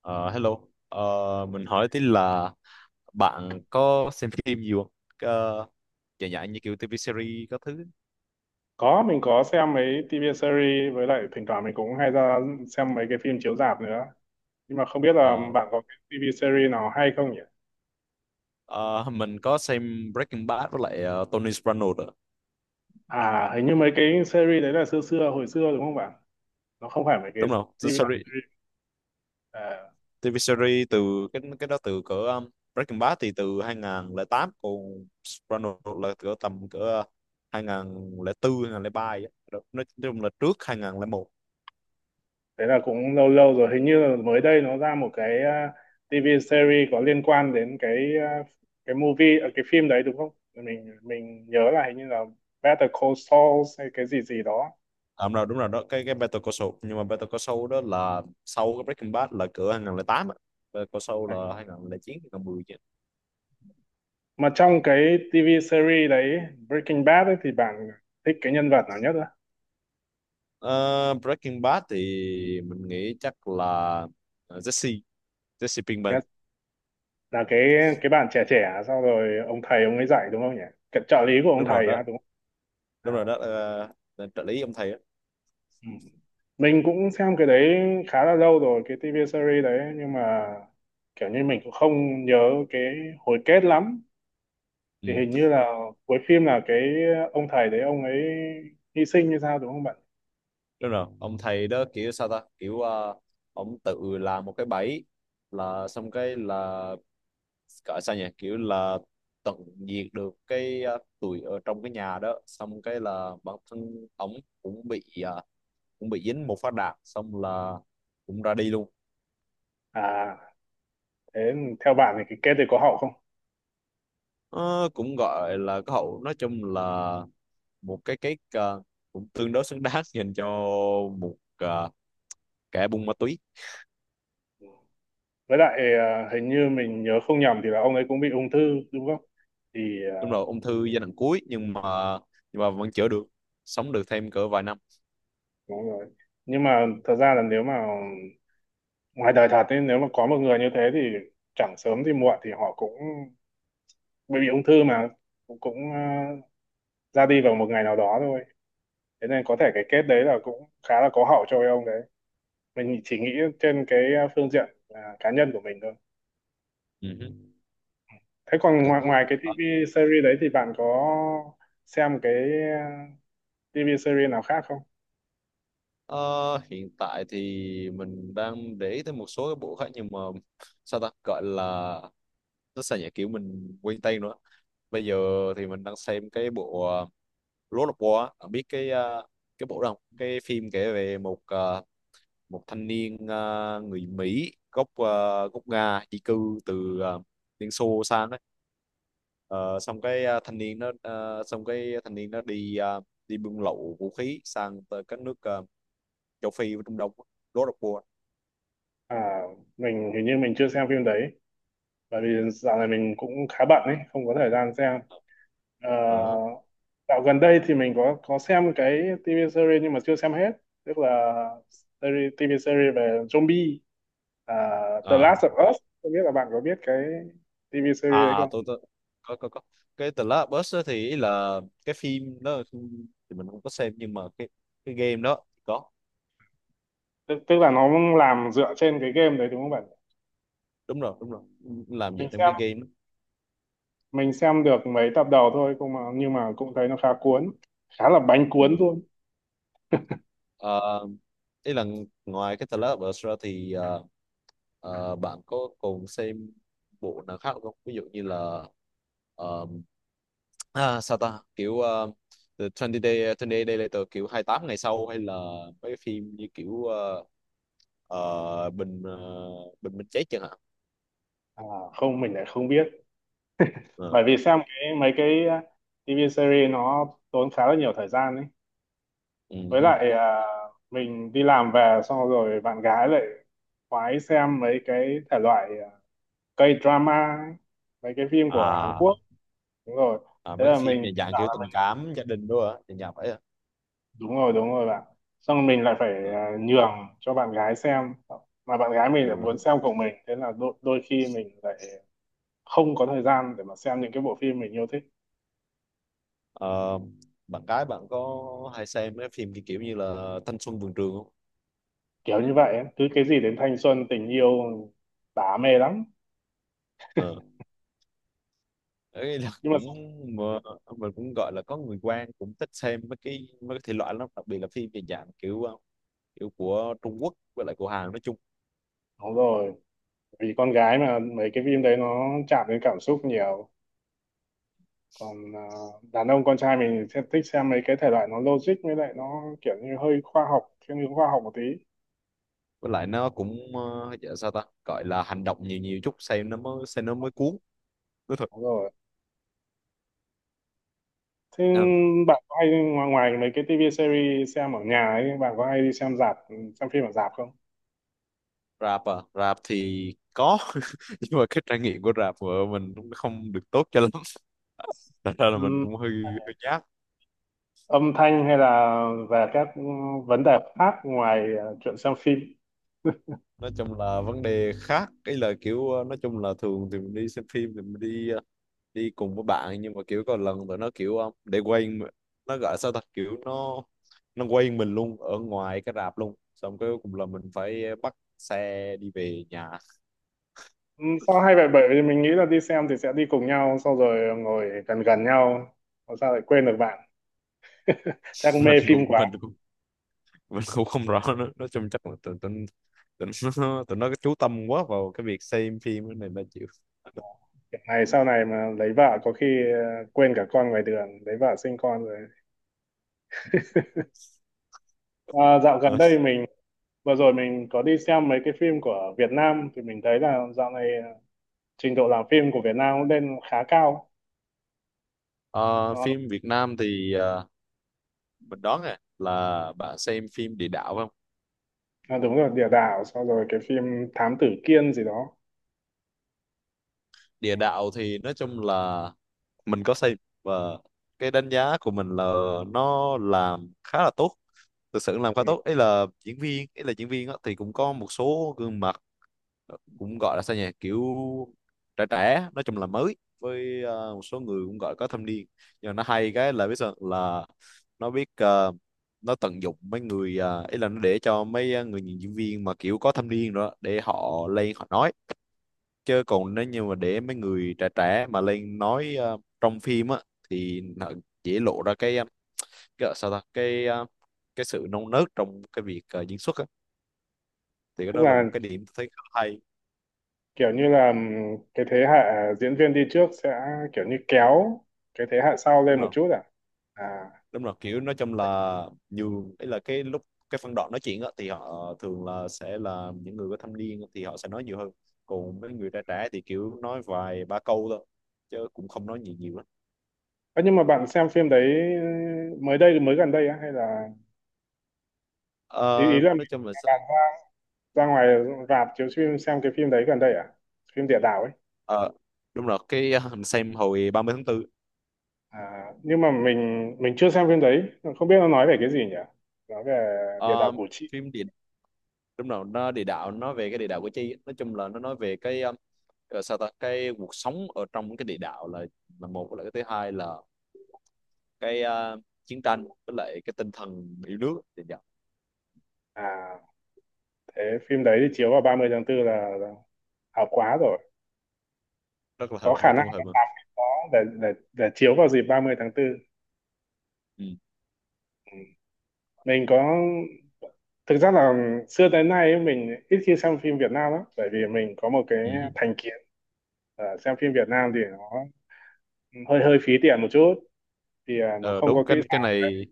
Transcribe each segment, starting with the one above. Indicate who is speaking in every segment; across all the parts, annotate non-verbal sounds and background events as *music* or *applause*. Speaker 1: Ờ, hello. Ờ, mình hỏi tí là bạn có xem phim nhiều không? Ờ, Dạng dạng như kiểu TV series các thứ.
Speaker 2: Có, mình có xem mấy TV series, với lại thỉnh thoảng mình cũng hay ra xem mấy cái phim chiếu rạp nữa. Nhưng mà không biết là
Speaker 1: Ờ,
Speaker 2: bạn có cái TV series nào hay không nhỉ?
Speaker 1: ờ, mình có xem Breaking Bad với lại Tony Soprano đó.
Speaker 2: À, hình như mấy cái series đấy là xưa xưa, hồi xưa đúng không bạn? Nó không phải mấy cái
Speaker 1: Đúng không? The
Speaker 2: TV
Speaker 1: Series,
Speaker 2: series. À,
Speaker 1: TV series từ cái đó từ cỡ Breaking Bad thì từ 2008, còn Soprano là cỡ, tầm cỡ 2004 2003 vậy. Đó. Nói chung là trước 2001.
Speaker 2: đấy là cũng lâu lâu rồi. Hình như là mới đây nó ra một cái TV series có liên quan đến à, cái movie, à, cái phim đấy đúng không? Mình nhớ là hình như là Better Call Saul hay cái gì gì đó.
Speaker 1: À, đúng rồi đó, cái Better Call Saul. Nhưng mà Better Call Saul đó là sau cái Breaking Bad, là cửa 2008 á. Better Call Saul là 2009 2010 chứ.
Speaker 2: Mà trong cái TV series đấy, Breaking Bad ấy, thì bạn thích cái nhân vật nào nhất á?
Speaker 1: Ờ, Breaking Bad thì mình nghĩ chắc là Jesse Jesse Pinkman.
Speaker 2: Thế là cái bạn trẻ trẻ sau rồi ông thầy ông ấy dạy đúng không nhỉ? Cái trợ lý của ông
Speaker 1: Đúng rồi
Speaker 2: thầy
Speaker 1: đó.
Speaker 2: á đúng không?
Speaker 1: Đúng
Speaker 2: À.
Speaker 1: rồi đó. Ờ, là trợ lý ông thầy á.
Speaker 2: Ừ. Mình cũng xem cái đấy khá là lâu rồi, cái TV series đấy, nhưng mà kiểu như mình cũng không nhớ cái hồi kết lắm. Thì hình
Speaker 1: Ừ.
Speaker 2: như là cuối phim là cái ông thầy đấy ông ấy hy sinh như sao đúng không bạn?
Speaker 1: Đúng rồi, ông thầy đó kiểu sao ta, kiểu ông tự làm một cái bẫy, là xong cái là gọi sao nhỉ, kiểu là tận diệt được cái tụi ở trong cái nhà đó. Xong cái là bản thân ổng cũng bị dính một phát đạn, xong là cũng ra đi luôn.
Speaker 2: À, thế theo bạn thì cái kết thì có hậu không?
Speaker 1: Ờ, Cũng gọi là cái hậu, nói chung là một cũng tương đối xứng đáng *laughs* dành cho một kẻ buôn ma túy.
Speaker 2: Với lại à, hình như mình nhớ không nhầm thì là ông ấy cũng bị ung thư đúng không thì
Speaker 1: Đúng rồi, ung thư giai đoạn cuối, nhưng mà vẫn chữa được, sống được thêm cỡ vài năm.
Speaker 2: đúng rồi. Nhưng mà thật ra là nếu mà ngoài đời thật ấy, nếu mà có một người như thế thì chẳng sớm thì muộn thì họ cũng bị ung thư mà cũng ra đi vào một ngày nào đó thôi. Thế nên có thể cái kết đấy là cũng khá là có hậu cho ông đấy, mình chỉ nghĩ trên cái phương diện cá nhân của mình thôi.
Speaker 1: Ừ.
Speaker 2: Thế còn
Speaker 1: Ok.
Speaker 2: ngoài cái
Speaker 1: Ờ,
Speaker 2: TV series đấy thì bạn có xem à, TV series nào khác không?
Speaker 1: Ờ, Hiện tại thì mình đang để ý tới một số cái bộ khác, nhưng mà sao ta gọi là, nó sao nhỉ, kiểu mình quên tên nữa bây giờ. Thì mình đang xem cái bộ Lord of War á. Bạn biết cái bộ đó không? Cái phim kể về một thanh niên, người Mỹ gốc gốc Nga di cư từ Liên Xô sang đấy. Ờ, xong cái ờ, thanh niên nó ờ, Xong cái thanh niên nó đi buôn lậu vũ khí sang tới các nước châu Phi và Trung Đông. Lord of War.
Speaker 2: À, mình hình như mình chưa xem phim đấy, bởi vì dạo này mình cũng khá bận ấy, không có thời gian xem. Ờ,
Speaker 1: Ờ.
Speaker 2: Dạo gần đây thì mình có xem cái TV series nhưng mà chưa xem hết, tức là series, TV series về zombie, à, The
Speaker 1: Ờ.
Speaker 2: Last of Us, không biết là bạn có biết cái TV series đấy không?
Speaker 1: Tôi có cái The Last of Us á. Thì ý là cái phim đó thì mình không có xem, nhưng mà cái game đó có.
Speaker 2: Tức là nó làm dựa trên cái game đấy đúng không bạn?
Speaker 1: Đúng rồi, đúng rồi, làm dựa
Speaker 2: mình
Speaker 1: trong
Speaker 2: xem
Speaker 1: cái game đó.
Speaker 2: mình xem được mấy tập đầu thôi cũng mà, nhưng mà cũng thấy nó khá cuốn, khá là bánh cuốn
Speaker 1: Ừ.
Speaker 2: luôn.
Speaker 1: Ờ, Ý là ngoài cái The Last of Us ra thì bạn có còn xem bộ nào khác không? Ví dụ như là ờ, sao ta kiểu The 20 Day Later, kiểu 28 ngày sau. Hay là mấy cái phim như kiểu ờ, bình ờ, bình minh chết chẳng hạn.
Speaker 2: à, Không, mình lại không biết,
Speaker 1: Ờ,
Speaker 2: bởi vì xem cái mấy cái TV series nó tốn khá là nhiều thời gian ấy.
Speaker 1: ừ,
Speaker 2: Với
Speaker 1: hứ.
Speaker 2: lại mình đi làm về xong rồi bạn gái lại khoái xem mấy cái thể loại K-drama ấy, mấy cái phim của Hàn
Speaker 1: à,
Speaker 2: Quốc. Đúng rồi.
Speaker 1: À,
Speaker 2: Thế
Speaker 1: mấy cái
Speaker 2: là
Speaker 1: phim
Speaker 2: mình
Speaker 1: dạng,
Speaker 2: tự
Speaker 1: dạng
Speaker 2: bảo
Speaker 1: kiểu
Speaker 2: là
Speaker 1: tình
Speaker 2: mình,
Speaker 1: cảm gia đình, đúng không ạ? Dạng dạng vậy à?
Speaker 2: đúng rồi bạn, xong rồi mình lại phải
Speaker 1: Ờ,
Speaker 2: nhường cho bạn gái xem, mà bạn gái mình lại
Speaker 1: ừ,
Speaker 2: muốn
Speaker 1: hứ.
Speaker 2: xem cùng mình, thế là đôi khi mình lại không có thời gian để mà xem những cái bộ phim mình yêu thích,
Speaker 1: Ờ, Bạn gái bạn có hay xem mấy phim kiểu kiểu như là thanh xuân vườn trường không?
Speaker 2: kiểu như vậy ấy. Cứ cái gì đến thanh xuân tình yêu tả mê lắm,
Speaker 1: Ờ, Ấy là *laughs*
Speaker 2: nhưng mà
Speaker 1: mà, mình cũng gọi là có người quen cũng thích xem mấy cái thể loại lắm, đặc biệt là phim về dạng kiểu kiểu của Trung Quốc với lại của Hàn nói chung.
Speaker 2: đúng rồi, vì con gái mà mấy cái phim đấy nó chạm đến cảm xúc nhiều. Còn đàn ông con trai mình sẽ thích xem mấy cái thể loại nó logic, với lại nó kiểu như hơi khoa học, thiên hướng khoa học một tí.
Speaker 1: Với lại nó cũng dạ sao ta gọi là hành động nhiều nhiều chút, xem nó mới cuốn, nói thật.
Speaker 2: Đúng rồi. Thế
Speaker 1: Ừ.
Speaker 2: bạn có hay, ngoài mấy cái TV series xem ở nhà ấy, bạn có hay đi xem rạp, xem phim ở rạp không?
Speaker 1: Rap à? Rap thì có *laughs* nhưng mà cái trải nghiệm của rap của mình cũng không được tốt cho lắm *laughs* thật ra là mình
Speaker 2: Ừm,
Speaker 1: cũng hơi hơi nhát.
Speaker 2: âm thanh hay là về các vấn đề khác ngoài chuyện xem phim?
Speaker 1: Nói chung là vấn đề khác, cái là kiểu nói chung là thường thì mình đi xem phim thì mình đi cùng với bạn. Nhưng mà kiểu có lần tụi nó kiểu để quên, nó gọi sao ta, kiểu nó quên mình luôn ở ngoài cái rạp luôn. Xong cái cùng là mình phải bắt xe đi về nhà.
Speaker 2: Ừ, sao hay vậy, bởi vì mình nghĩ là đi xem thì sẽ đi cùng nhau sau rồi ngồi gần gần nhau. Mà sao lại quên được bạn? *laughs* Chắc
Speaker 1: *laughs* mình
Speaker 2: mê phim
Speaker 1: cũng
Speaker 2: quá.
Speaker 1: mình cũng mình cũng không rõ nữa. Nói chung chắc là tụi tụi tụi nó *laughs* tụi nó chú tâm quá vào cái việc xem phim này mà chịu.
Speaker 2: Kiểu này sau này mà lấy vợ có khi ờ, quên cả con ngoài đường, lấy vợ sinh con rồi. À, dạo gần đây mình vừa rồi mình có đi xem mấy cái phim của Việt Nam thì mình thấy là dạo này trình độ làm phim của Việt Nam cũng lên khá cao.
Speaker 1: Ờ,
Speaker 2: Nó
Speaker 1: Phim Việt Nam thì mình đoán là bạn xem phim địa đạo phải không?
Speaker 2: đúng rồi, địa đạo, sau rồi cái phim Thám Tử Kiên gì đó.
Speaker 1: Địa
Speaker 2: Ừ.
Speaker 1: đạo thì nói chung là mình có xây, và cái đánh giá của mình là nó làm khá là tốt. Thực sự làm khá
Speaker 2: Ừ.
Speaker 1: tốt. Ấy là diễn viên á, thì cũng có một số gương mặt. Cũng gọi là sao nhỉ, kiểu trẻ trẻ, nói chung là mới, với một số người cũng gọi có thâm niên. Nhưng mà nó hay cái là biết sao, là nó biết ờ, nó tận dụng mấy người. Ý là nó để cho mấy người diễn viên mà kiểu có thâm niên rồi đó để họ lên họ nói. Chứ còn nếu như mà để mấy người trẻ trẻ mà lên nói trong phim á, thì nó dễ lộ ra cái ờ, sao ta cái ờ, cái sự non nớt trong cái việc diễn xuất á. Thì cái
Speaker 2: Tức
Speaker 1: đó là
Speaker 2: là
Speaker 1: một cái điểm tôi thấy khá hay.
Speaker 2: kiểu như là cái thế hệ diễn viên đi trước sẽ kiểu như kéo cái thế hệ sau
Speaker 1: Đúng
Speaker 2: lên một
Speaker 1: rồi,
Speaker 2: chút à? À.
Speaker 1: đúng rồi. Kiểu nói chung là nhiều, ấy là cái lúc cái phân đoạn nói chuyện á, thì họ thường là sẽ là những người có thâm niên thì họ sẽ nói nhiều hơn, còn mấy người trẻ trẻ thì kiểu nói vài ba câu thôi, chứ cũng không nói nhiều nhiều lắm.
Speaker 2: Ơ, nhưng mà bạn xem phim đấy mới đây mới gần đây á hay là,
Speaker 1: Ờ,
Speaker 2: ý ý là mình-
Speaker 1: nói chung là
Speaker 2: bạn ra ngoài rạp chiếu phim xem cái phim đấy gần đây à, phim địa đạo ấy?
Speaker 1: ờ, đúng rồi, cái mình xem hồi ba mươi tháng 4.
Speaker 2: À, nhưng mà mình chưa xem phim đấy, không biết nó nói về cái gì nhỉ, nói về địa đạo
Speaker 1: Ờ,
Speaker 2: Củ Chi?
Speaker 1: phim địa Đúng rồi, nó địa đạo, nó về cái địa đạo của chi. Nói chung là nó nói về cái sao ta cái cuộc sống ở trong cái địa đạo là một, với lại cái thứ hai là cái chiến tranh với lại cái tinh thần yêu nước, thì dạ.
Speaker 2: À, thế phim đấy thì chiếu vào 30 tháng 4 là hợp quá rồi.
Speaker 1: Rất là
Speaker 2: Có
Speaker 1: hợp,
Speaker 2: khả
Speaker 1: nói
Speaker 2: năng
Speaker 1: chung hợp mà.
Speaker 2: có để để chiếu vào dịp 30 tháng 4.
Speaker 1: Ừ.
Speaker 2: Ừ. Mình có, thực ra là xưa tới nay ấy, mình ít khi xem phim Việt Nam lắm bởi vì mình có một cái
Speaker 1: Ừ.
Speaker 2: thành kiến. Xem phim Việt Nam thì nó hơi hơi phí tiền một chút, thì nó
Speaker 1: Ờ,
Speaker 2: không có
Speaker 1: Đúng,
Speaker 2: kỹ
Speaker 1: cái
Speaker 2: xảo đấy.
Speaker 1: này,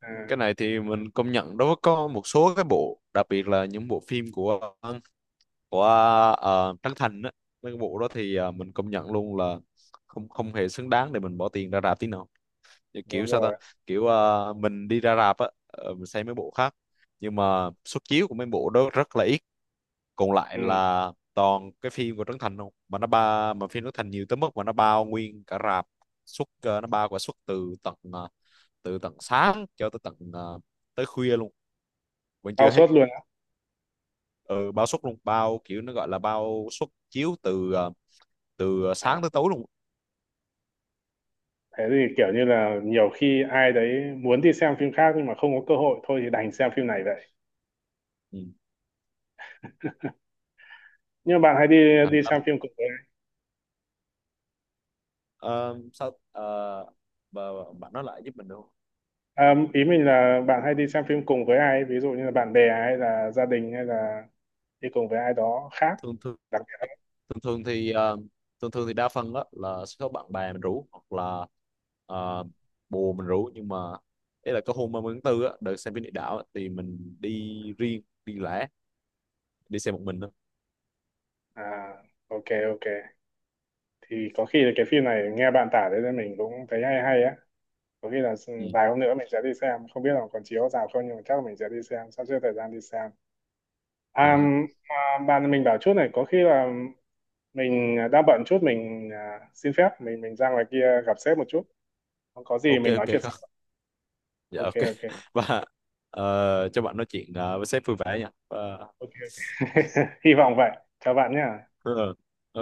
Speaker 2: À,
Speaker 1: cái này thì mình công nhận đó. Có một số cái bộ, đặc biệt là những bộ phim của của Trấn Thành á. Mấy cái bộ đó thì mình công nhận luôn là không không hề xứng đáng để mình bỏ tiền ra rạp tí nào. Như kiểu
Speaker 2: đúng
Speaker 1: sao ta,
Speaker 2: rồi.
Speaker 1: kiểu mình đi ra rạp á, mình xem mấy bộ khác. Nhưng mà suất chiếu của mấy bộ đó rất là ít, còn lại
Speaker 2: Ừ,
Speaker 1: là toàn cái phim của Trấn Thành không. Mà nó ba Mà phim Trấn Thành nhiều tới mức mà nó bao nguyên cả rạp. Nó bao cả suất từ tận sáng cho tới tới khuya luôn, vẫn
Speaker 2: cao
Speaker 1: chưa hết.
Speaker 2: suất luôn á.
Speaker 1: Ừ, bao suất luôn, kiểu nó gọi là bao suất chiếu từ từ
Speaker 2: À,
Speaker 1: sáng tới tối luôn.
Speaker 2: thế thì kiểu như là nhiều khi ai đấy muốn đi xem phim khác nhưng mà không có cơ hội thôi thì đành xem phim này vậy.
Speaker 1: Ừ.
Speaker 2: Nhưng mà bạn hay đi,
Speaker 1: Thành
Speaker 2: đi
Speaker 1: ra,
Speaker 2: xem phim cùng?
Speaker 1: ờ, sao ờ, bà- bạn nói lại giúp mình được không?
Speaker 2: À, ý mình là bạn hay đi xem phim cùng với ai, ví dụ như là bạn bè hay là gia đình hay là đi cùng với ai đó khác.
Speaker 1: thường thường
Speaker 2: Đặc biệt
Speaker 1: thường thường thì ờ, thường thường thì đa phần á là sẽ có bạn bè mình rủ, hoặc là ờ, bồ mình rủ. Nhưng mà ý là có hôm 30/4 á, đợt xem phim địa đạo á, thì mình đi riêng đi lẻ, đi xe một mình thôi.
Speaker 2: là, ok ok. Thì có khi là cái phim này nghe bạn tả đấy nên mình cũng thấy hay hay á. Có khi là
Speaker 1: Ừ.
Speaker 2: vài hôm nữa mình sẽ đi xem, không biết là còn chiếu rạp không nhưng mà chắc là mình sẽ đi xem, sắp xếp thời gian đi xem. À,
Speaker 1: Ừ.
Speaker 2: mà bạn mình bảo chút này, có khi là mình đang bận chút, mình xin phép mình ra ngoài kia gặp sếp một chút. Có gì
Speaker 1: Ok,
Speaker 2: mình nói
Speaker 1: ok,
Speaker 2: chuyện
Speaker 1: không,
Speaker 2: sau.
Speaker 1: dạ,
Speaker 2: Ok
Speaker 1: ok
Speaker 2: ok.
Speaker 1: *laughs* và cho bạn nói chuyện với sếp vui vẻ nha.
Speaker 2: Ok *laughs* hy vọng vậy, chào bạn nhé.
Speaker 1: Ờ. ờ,